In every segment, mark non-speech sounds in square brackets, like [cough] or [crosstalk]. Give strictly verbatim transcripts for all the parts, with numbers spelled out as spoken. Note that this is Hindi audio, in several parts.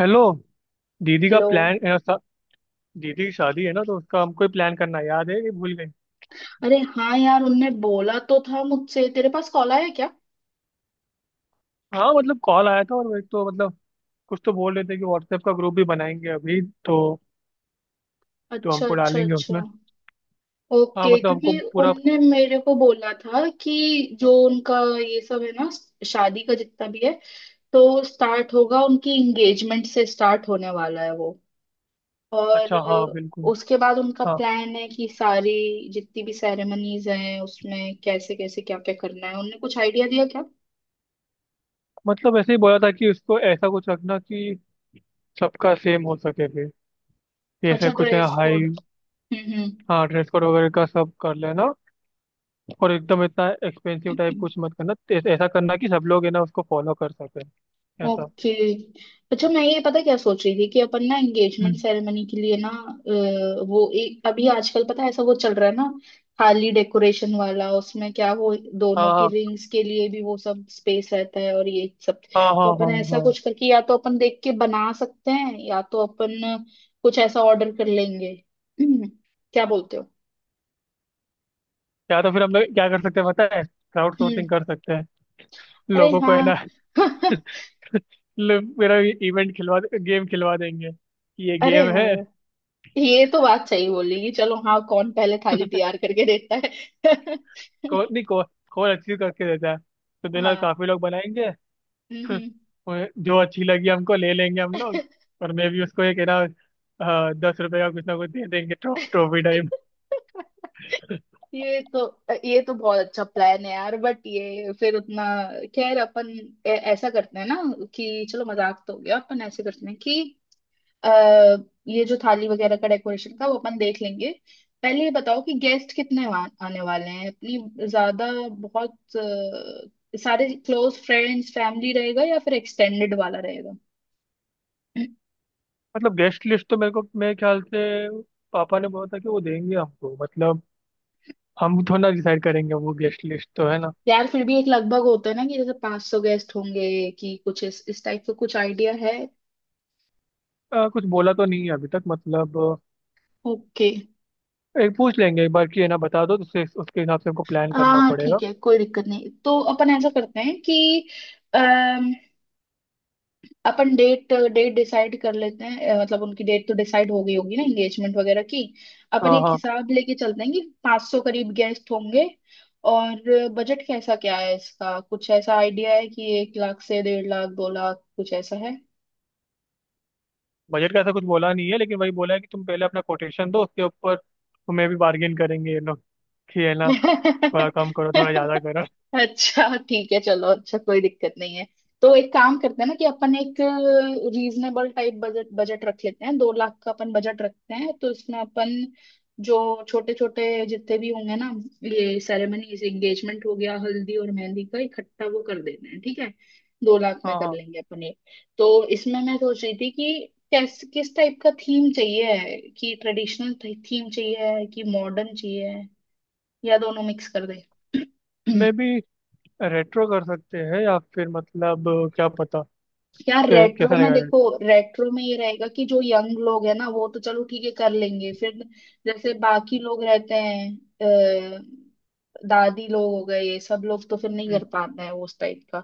हेलो। दीदी का हेलो। प्लान अ, सा- दीदी की शादी है ना तो उसका हमको ही प्लान करना है, याद है कि भूल गई? अरे हाँ यार उनने बोला तो था मुझसे। तेरे पास कॉल आया क्या? हाँ, मतलब कॉल आया था और वो एक तो मतलब कुछ तो बोल रहे थे कि व्हाट्सएप का ग्रुप भी बनाएंगे अभी। तो तो अच्छा हमको अच्छा डालेंगे अच्छा। उसमें। हाँ, ओके, मतलब हमको क्योंकि पूरा। उनने मेरे को बोला था कि जो उनका ये सब है ना, शादी का जितना भी है, तो स्टार्ट होगा, उनकी एंगेजमेंट से स्टार्ट होने वाला है वो। और अच्छा, हाँ, अ, बिल्कुल। उसके बाद उनका हाँ, प्लान है कि सारी जितनी भी सेरेमनीज हैं, उसमें कैसे कैसे क्या क्या करना है, उनने कुछ आइडिया दिया क्या? मतलब ऐसे ही बोला था कि उसको ऐसा कुछ रखना कि सबका सेम हो सके, फिर जैसे अच्छा, कुछ है, ड्रेस हाई। कोड। हम्म। हाँ, ड्रेस कोड वगैरह का सब कर लेना। और एकदम इतना एक्सपेंसिव टाइप हम्म। कुछ मत करना, ऐ- ऐसा करना कि सब लोग है ना उसको फॉलो कर सके, ऐसा। ओके। अच्छा, मैं ये पता क्या सोच रही थी कि अपन ना एंगेजमेंट हम्म। सेरेमनी के लिए ना अ, वो एक अभी आजकल पता है ऐसा वो चल रहा है ना, खाली डेकोरेशन वाला, उसमें क्या वो दोनों हाँ, की हाँ, रिंग्स के लिए भी वो सब स्पेस रहता है और ये सब। हाँ, हाँ, तो हाँ, अपन ऐसा हाँ। कुछ करके या तो अपन देख के बना सकते हैं या तो अपन कुछ ऐसा ऑर्डर कर लेंगे। [clears throat] हम्म, क्या बोलते हो? या तो फिर हम लोग क्या कर सकते हैं पता है, क्राउड हम्म। सोर्सिंग कर सकते हैं अरे लोगों को, है हाँ। ना। [laughs] [laughs] लोग मेरा इवेंट खिलवा, गेम खिलवा देंगे कि ये अरे गेम हाँ, है। ये तो बात सही बोली कि चलो, हाँ, कौन पहले थाली [laughs] तैयार करके देता है। [laughs] स्कोर नहीं को, स्कोर अच्छी करके देता है तो देना, हाँ। काफी लोग बनाएंगे। [laughs] हम्म। और जो अच्छी लगी हमको, ले लेंगे हम लोग। और मैं भी उसको एक है ना, अ, दस रुपए का कुछ ना कुछ दे देंगे, ट्रॉ, ट्रॉफी टाइप। [laughs] ये तो ये तो बहुत अच्छा प्लान है यार, बट ये फिर उतना, खैर अपन ऐ- ऐसा करते हैं ना कि चलो मजाक तो हो गया। अपन ऐसे करते हैं कि अः ये जो थाली वगैरह का डेकोरेशन का, वो अपन देख लेंगे। पहले ये बताओ कि गेस्ट कितने वा- आने वाले हैं अपनी? ज्यादा बहुत अ, सारे क्लोज फ्रेंड्स फैमिली रहेगा या फिर एक्सटेंडेड वाला रहेगा? मतलब गेस्ट लिस्ट तो मेरे को, मेरे ख्याल से पापा ने बोला था कि वो देंगे हमको, मतलब हम थोड़ा डिसाइड करेंगे वो गेस्ट लिस्ट, तो है ना। यार फिर भी एक लगभग होता है ना कि जैसे पाँच सौ गेस्ट होंगे कि कुछ इस इस टाइप का कुछ आइडिया है? आ, कुछ बोला तो नहीं है अभी तक, मतलब अ, ओके। एक पूछ लेंगे एक बार कि है ना बता दो, तो उसके उसके हिसाब से हमको प्लान हाँ करना हाँ, पड़ेगा। ठीक है, कोई दिक्कत नहीं। तो अपन ऐसा करते हैं कि अपन डेट डेट डिसाइड कर लेते हैं। अ, मतलब उनकी डेट तो डिसाइड हो गई होगी ना एंगेजमेंट वगैरह की। अपन हाँ, एक हाँ। हिसाब लेके चलते हैं कि पाँच सौ करीब गेस्ट होंगे। और बजट कैसा क्या है, इसका कुछ ऐसा आइडिया है कि एक लाख से डेढ़ लाख, दो लाख कुछ ऐसा बजट का ऐसा कुछ बोला नहीं है, लेकिन वही बोला है कि तुम पहले अपना कोटेशन दो, उसके ऊपर तुम्हें भी बार्गेन करेंगे ये लोग, कि है ना, है? थोड़ा कम करो [laughs] थोड़ा ज़्यादा करो। अच्छा। ठीक है, चलो, अच्छा, कोई दिक्कत नहीं है। तो एक काम करते हैं ना कि अपन एक रीजनेबल टाइप बजट बजट रख लेते हैं। दो लाख का अपन बजट रखते हैं, तो इसमें अपन, जो छोटे छोटे जितने भी होंगे ना, ये सेरेमनीज, एंगेजमेंट हो गया, हल्दी और मेहंदी का इकट्ठा, वो कर देते हैं, ठीक है? दो लाख में हाँ, कर हाँ। लेंगे अपन ये। तो इसमें मैं सोच रही थी कि कैस किस टाइप का थीम चाहिए है, कि ट्रेडिशनल थीम चाहिए है कि मॉडर्न चाहिए है, या दोनों मिक्स कर दे। [clears throat] मे भी रेट्रो कर सकते हैं, या फिर मतलब क्या पता यार कै- कैसा रेट्रो में रहेगा रेट। देखो, रेट्रो में ये रहेगा कि जो यंग लोग है ना, वो तो चलो ठीक है कर लेंगे, फिर जैसे बाकी लोग रहते हैं अ, दादी लोग हो गए ये सब लोग, तो फिर नहीं हम्म, कर पाते हैं वो उस टाइप का।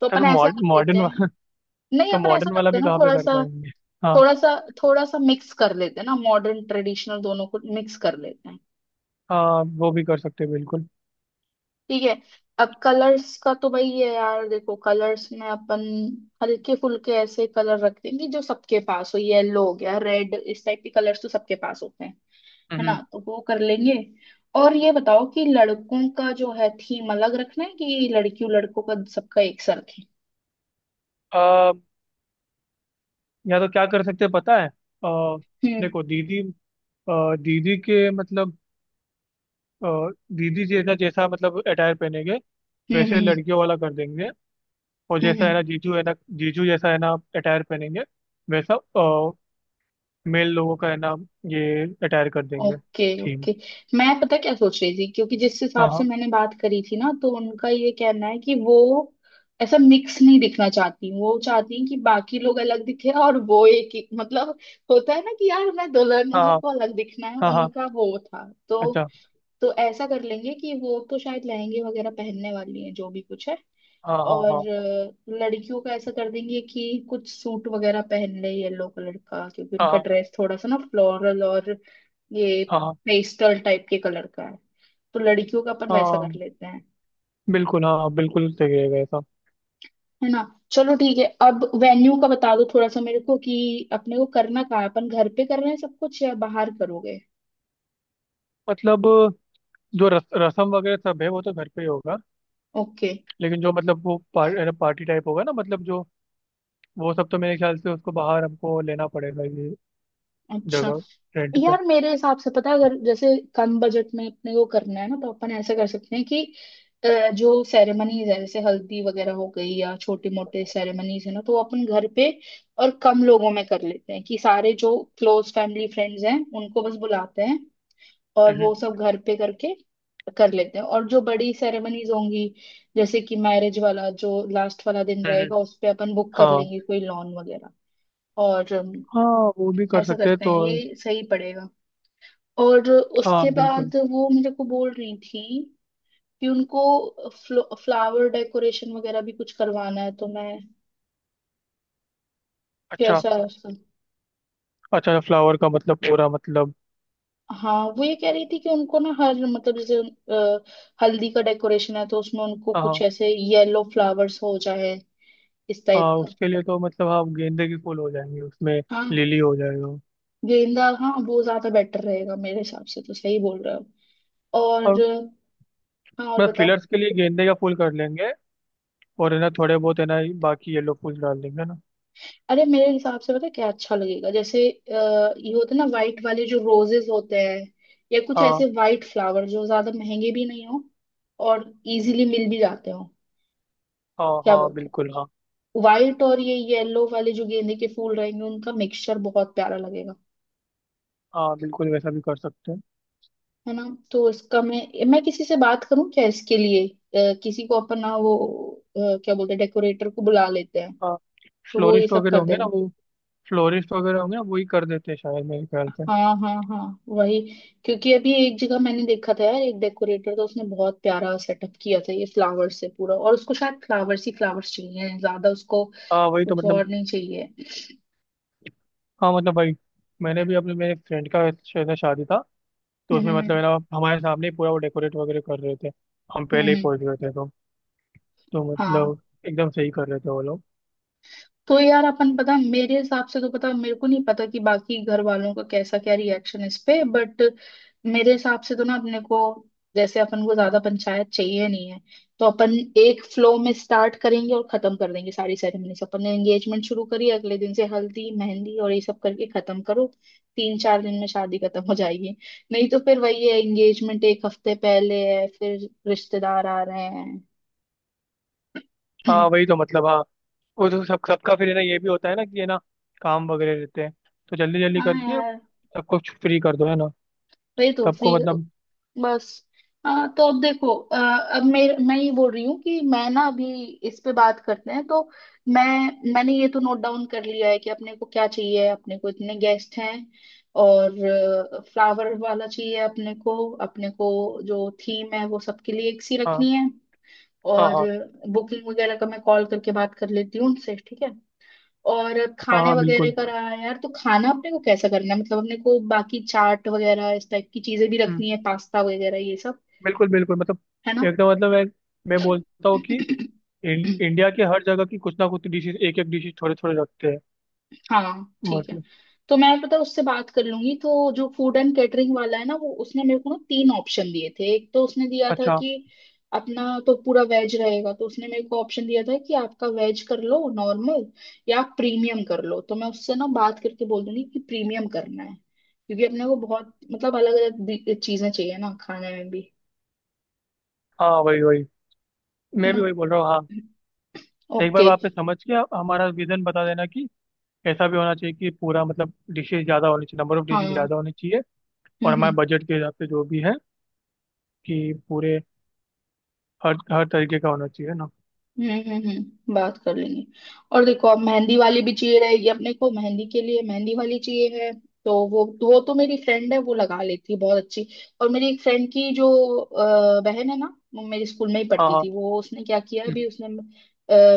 तो अपन तो ऐसा कर मॉडर्न देते मॉडर्न हैं, वाला। [laughs] नहीं तो अपन ऐसा मॉडर्न वाला करते हैं भी ना, कहाँ पे थोड़ा कर सा पाएंगे। हाँ, थोड़ा सा, थोड़ा सा मिक्स कर लेते हैं ना, मॉडर्न ट्रेडिशनल दोनों को मिक्स कर लेते हैं। हाँ, वो भी कर सकते हैं बिल्कुल। ठीक है। अब कलर्स का तो भाई है यार, देखो कलर्स में अपन हल्के फुल्के ऐसे कलर रख देंगे जो सबके पास हो। येलो हो गया, रेड, इस टाइप के कलर्स तो सबके पास होते हैं, है ना, तो वो कर लेंगे। और ये बताओ कि लड़कों का जो है थीम अलग रखना है, कि लड़कियों लड़कों का सबका एक सा रखें? हम्म। या तो क्या कर सकते हैं पता है? अ, हम्म। देखो दीदी, अ, दीदी के मतलब, अ, दीदी जैसा जैसा मतलब अटायर पहनेंगे, हम्म। वैसे हम्म। लड़कियों वाला कर देंगे। और हम्म। जैसा है हम्म। ना जीजू, है ना जीजू जैसा है ना अटायर पहनेंगे, वैसा मेल लोगों का है ना ये अटायर कर देंगे, ओके थीम। ओके। मैं पता क्या सोच रही थी, क्योंकि जिस हाँ, हिसाब से हाँ, मैंने बात करी थी ना, तो उनका ये कहना है कि वो ऐसा मिक्स नहीं दिखना चाहती, वो चाहती हैं कि बाकी लोग अलग दिखे और वो एक ही, मतलब होता है ना कि यार मैं दुल्हन हूँ, हाँ, मेरे को हाँ, अलग दिखना है, हाँ, हाँ। उनका वो था। तो अच्छा, तो ऐसा कर लेंगे कि वो तो शायद लहंगे वगैरह पहनने वाली है जो भी कुछ है। हाँ, और हाँ, हाँ, अ, लड़कियों का ऐसा कर देंगे कि कुछ सूट वगैरह पहन ले येलो कलर का, क्योंकि हाँ, उनका हाँ, ड्रेस थोड़ा सा ना फ्लोरल और ये हाँ, हाँ, पेस्टल टाइप के कलर का है, तो लड़कियों का अपन वैसा कर हाँ। लेते हैं, बिल्कुल, हाँ बिल्कुल सही रहेगा ऐसा। है ना। चलो ठीक है। अब वेन्यू का बता दो थोड़ा सा मेरे को कि अपने को करना कहाँ है, अपन घर पे कर रहे हैं सब कुछ या बाहर करोगे? मतलब जो रस, रसम वगैरह सब है वो तो घर पे ही होगा। ओके। लेकिन जो मतलब वो पार, पार्टी टाइप होगा ना, मतलब जो वो सब तो मेरे ख्याल से उसको बाहर हमको लेना पड़ेगा, ये अच्छा। जगह रेंट पे। यार मेरे हिसाब से पता है, अगर जैसे कम बजट में अपने को करना है ना, तो अपन ऐसा कर सकते हैं कि अ, जो सेरेमनीज है जैसे हल्दी वगैरह हो गई या छोटे मोटे सेरेमनीज है ना, तो वो अपन घर पे और कम लोगों में कर लेते हैं, कि सारे जो क्लोज फैमिली फ्रेंड्स हैं उनको बस बुलाते हैं और हम्म, वो सब घर पे करके कर लेते हैं। और जो बड़ी सेरेमनीज होंगी, जैसे कि मैरिज वाला जो लास्ट वाला दिन हम्म, हम्म। रहेगा, उस पे अपन बुक कर हाँ, लेंगे कोई लॉन वगैरह। और अम, हाँ, वो भी कर ऐसा सकते हैं करते हैं, तो। ये सही पड़ेगा। और हाँ, उसके बिल्कुल। बाद वो मेरे को बोल रही थी कि उनको फ्लावर डेकोरेशन वगैरह भी कुछ करवाना है, तो मैं, अच्छा। कैसा है उसका? अच्छा, फ्लावर का मतलब पूरा मतलब। हाँ वो ये कह रही थी कि उनको ना हर मतलब जैसे अ, हल्दी का डेकोरेशन है तो उसमें उनको कुछ हाँ, ऐसे येलो फ्लावर्स हो जाए, इस टाइप हाँ, का। उसके लिए तो मतलब हाँ गेंदे के फूल हो जाएंगे उसमें, हाँ। लिली हो जाएगा। गेंदा हाँ, वो ज्यादा बेटर रहेगा मेरे हिसाब से, तो सही बोल रहे हो। और और हाँ, और मतलब बताओ। फिलर्स के लिए गेंदे का फूल कर लेंगे, और है ना थोड़े बहुत है ना बाकी येलो फूल डाल देंगे ना। अरे मेरे हिसाब से पता है क्या अच्छा लगेगा, जैसे अ, ये होते हैं ना वाइट वाले जो रोजेस होते हैं, या कुछ हाँ, ऐसे वाइट फ्लावर जो ज्यादा महंगे भी नहीं हो और इजीली मिल भी जाते हो। हाँ, क्या हाँ, बोलते बिल्कुल। हाँ, हो? व्हाइट और ये येलो वाले जो गेंदे के फूल रहेंगे, उनका मिक्सचर बहुत प्यारा लगेगा, हाँ, बिल्कुल वैसा भी कर सकते हैं। है ना। तो इसका मैं, मैं किसी से बात करूं क्या इसके लिए, अ, किसी को अपना वो, अ, क्या बोलते हैं, डेकोरेटर को बुला लेते हैं हाँ, तो वो ये फ्लोरिस्ट सब वगैरह कर होंगे ना देगा। वो। फ्लोरिस्ट वगैरह होंगे ना, वही कर देते हैं शायद मेरे ख्याल से। हाँ हाँ हाँ, वही। क्योंकि अभी एक जगह मैंने देखा था यार, एक डेकोरेटर था उसने बहुत प्यारा सेटअप किया था ये फ्लावर्स से पूरा, और उसको शायद फ्लावर्स ही फ्लावर्स चाहिए, ज्यादा उसको हाँ, वही तो कुछ मतलब। और नहीं चाहिए। हाँ, मतलब भाई मैंने भी अपने मेरे फ्रेंड का शायद ना शादी था, तो हम्म उसमें हम्म हम्म। मतलब है ना हमारे सामने ही पूरा वो डेकोरेट वगैरह कर रहे थे, हम हम्म, पहले हम्म, ही पहुंच गए थे तो। तो हाँ। मतलब एकदम सही कर रहे थे वो लोग। तो यार अपन, पता मेरे हिसाब से तो, पता मेरे को नहीं पता कि बाकी घर वालों का कैसा क्या रिएक्शन है इस पे, बट मेरे हिसाब से तो ना अपने को, जैसे अपन को ज्यादा पंचायत चाहिए नहीं है, तो अपन एक फ्लो में स्टार्ट करेंगे और खत्म कर देंगे सारी सेरेमनीज। अपन ने एंगेजमेंट शुरू करी, अगले दिन से हल्दी मेहंदी और ये सब करके खत्म करो, तीन चार दिन में शादी खत्म हो जाएगी। नहीं तो फिर वही है, एंगेजमेंट एक हफ्ते पहले है, फिर रिश्तेदार आ रहे हैं। हाँ, [clears throat] वही तो मतलब। हाँ, वो तो सब सबका फिर है ना, ये भी होता है ना कि है ना काम वगैरह रहते हैं, तो जल्दी जल्दी हाँ करके यार, सबको फ्री कर दो है ना, वही तो सबको फ्री, मतलब। बस। आ, तो अब देखो, आ, अब मेर, मैं ये बोल रही हूँ कि मैं ना अभी इस पे बात करते हैं, तो मैं मैंने ये तो नोट डाउन कर लिया है कि अपने को क्या चाहिए, अपने को इतने गेस्ट हैं और फ्लावर वाला चाहिए अपने को, अपने को जो थीम है वो सबके लिए एक सी हाँ, रखनी है, हाँ, और हाँ, बुकिंग वगैरह का मैं कॉल करके बात कर लेती हूँ उनसे, ठीक है। और हाँ, खाने हाँ, वगैरह बिल्कुल। का रहा है यार, तो खाना अपने को कैसा करना है, मतलब अपने को बाकी चाट वगैरह इस टाइप की चीजें भी हम्म। रखनी है, पास्ता वगैरह ये सब, बिल्कुल, बिल्कुल मतलब, है ना। एकदम मतलब मैं मैं बोलता हूँ कि इं, इंडिया के हर जगह की कुछ ना कुछ डिशेज, एक एक डिशेज थोड़े थोड़े रखते हैं, हाँ ठीक है। मतलब। तो मैं पता उससे बात कर लूंगी। तो जो फूड एंड कैटरिंग वाला है ना, वो उसने मेरे को ना तीन ऑप्शन दिए थे। एक तो उसने दिया था अच्छा। कि अपना तो पूरा वेज रहेगा, तो उसने मेरे को ऑप्शन दिया था कि आपका वेज कर लो नॉर्मल या आप प्रीमियम कर लो, तो मैं उससे ना बात करके बोल दूंगी कि प्रीमियम करना है, क्योंकि अपने को बहुत मतलब अलग अलग चीजें चाहिए ना खाने में भी, हाँ, वही वही, है मैं भी ना। वही बोल रहा हूँ हाँ। एक बार ओके। वहाँ पे समझ के आप हमारा विजन बता देना कि ऐसा भी होना चाहिए कि पूरा मतलब डिशेज ज़्यादा होनी चाहिए, नंबर ऑफ हाँ। डिशेज हम्म ज़्यादा होनी चाहिए, और हम्म हमारे बजट के हिसाब से जो भी है, कि पूरे हर हर तरीके का होना चाहिए ना। हम्म हम्म। हम्म, बात कर लेंगे। और देखो, अब मेहंदी वाली भी चाहिए रहेगी अपने को, मेहंदी के लिए मेहंदी वाली चाहिए है, तो वो तो वो तो मेरी फ्रेंड है, वो लगा लेती है बहुत अच्छी। और मेरी एक फ्रेंड की जो अ, बहन है ना, वो मेरे स्कूल में ही हाँ, पढ़ती हाँ। थी, वो उसने क्या किया है अभी, हम्म। उसने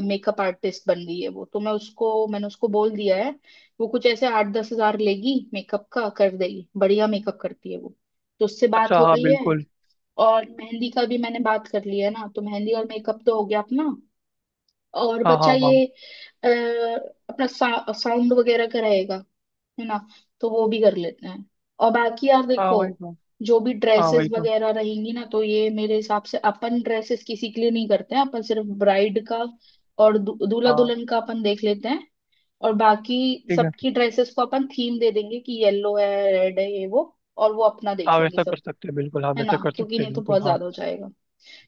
मेकअप आर्टिस्ट बन गई है, वो तो मैं उसको, मैंने उसको बोल दिया है। वो कुछ ऐसे आठ दस हजार लेगी मेकअप का, कर देगी, बढ़िया मेकअप करती है वो, तो उससे बात अच्छा, हो हाँ, गई है। बिल्कुल। और मेहंदी का भी मैंने बात कर लिया है ना, तो मेहंदी और मेकअप तो हो गया अपना। और हाँ, बच्चा हाँ, हाँ। ये अ, अपना सा, साउंड वगैरह कराएगा, है ना, तो वो भी कर लेते हैं। और बाकी यार हाँ, देखो, वही तो। जो भी हाँ, ड्रेसेस वही तो। वगैरह रहेंगी ना, तो ये मेरे हिसाब से अपन ड्रेसेस किसी के लिए नहीं करते हैं, अपन सिर्फ ब्राइड का और दू, दूल्हा हाँ, दुल्हन का अपन देख लेते हैं। और बाकी ठीक है। सबकी ड्रेसेस को अपन थीम दे देंगे कि येलो है, रेड है, ये वो, और वो अपना हाँ, देख लेंगे वैसा कर सब, सकते हैं बिल्कुल, हाँ है ना, वैसा कर क्योंकि सकते हैं नहीं तो बिल्कुल, बहुत हाँ। ज्यादा हो जाएगा।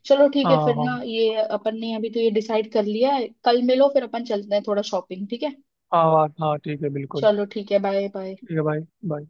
चलो ठीक है हाँ, फिर ना, हाँ, ये अपन ने अभी तो ये डिसाइड कर लिया है, कल मिलो फिर अपन चलते हैं थोड़ा शॉपिंग, ठीक है। हाँ, हाँ, हाँ। ठीक है बिल्कुल। चलो ठीक है, बाय बाय। ठीक है भाई। बाय।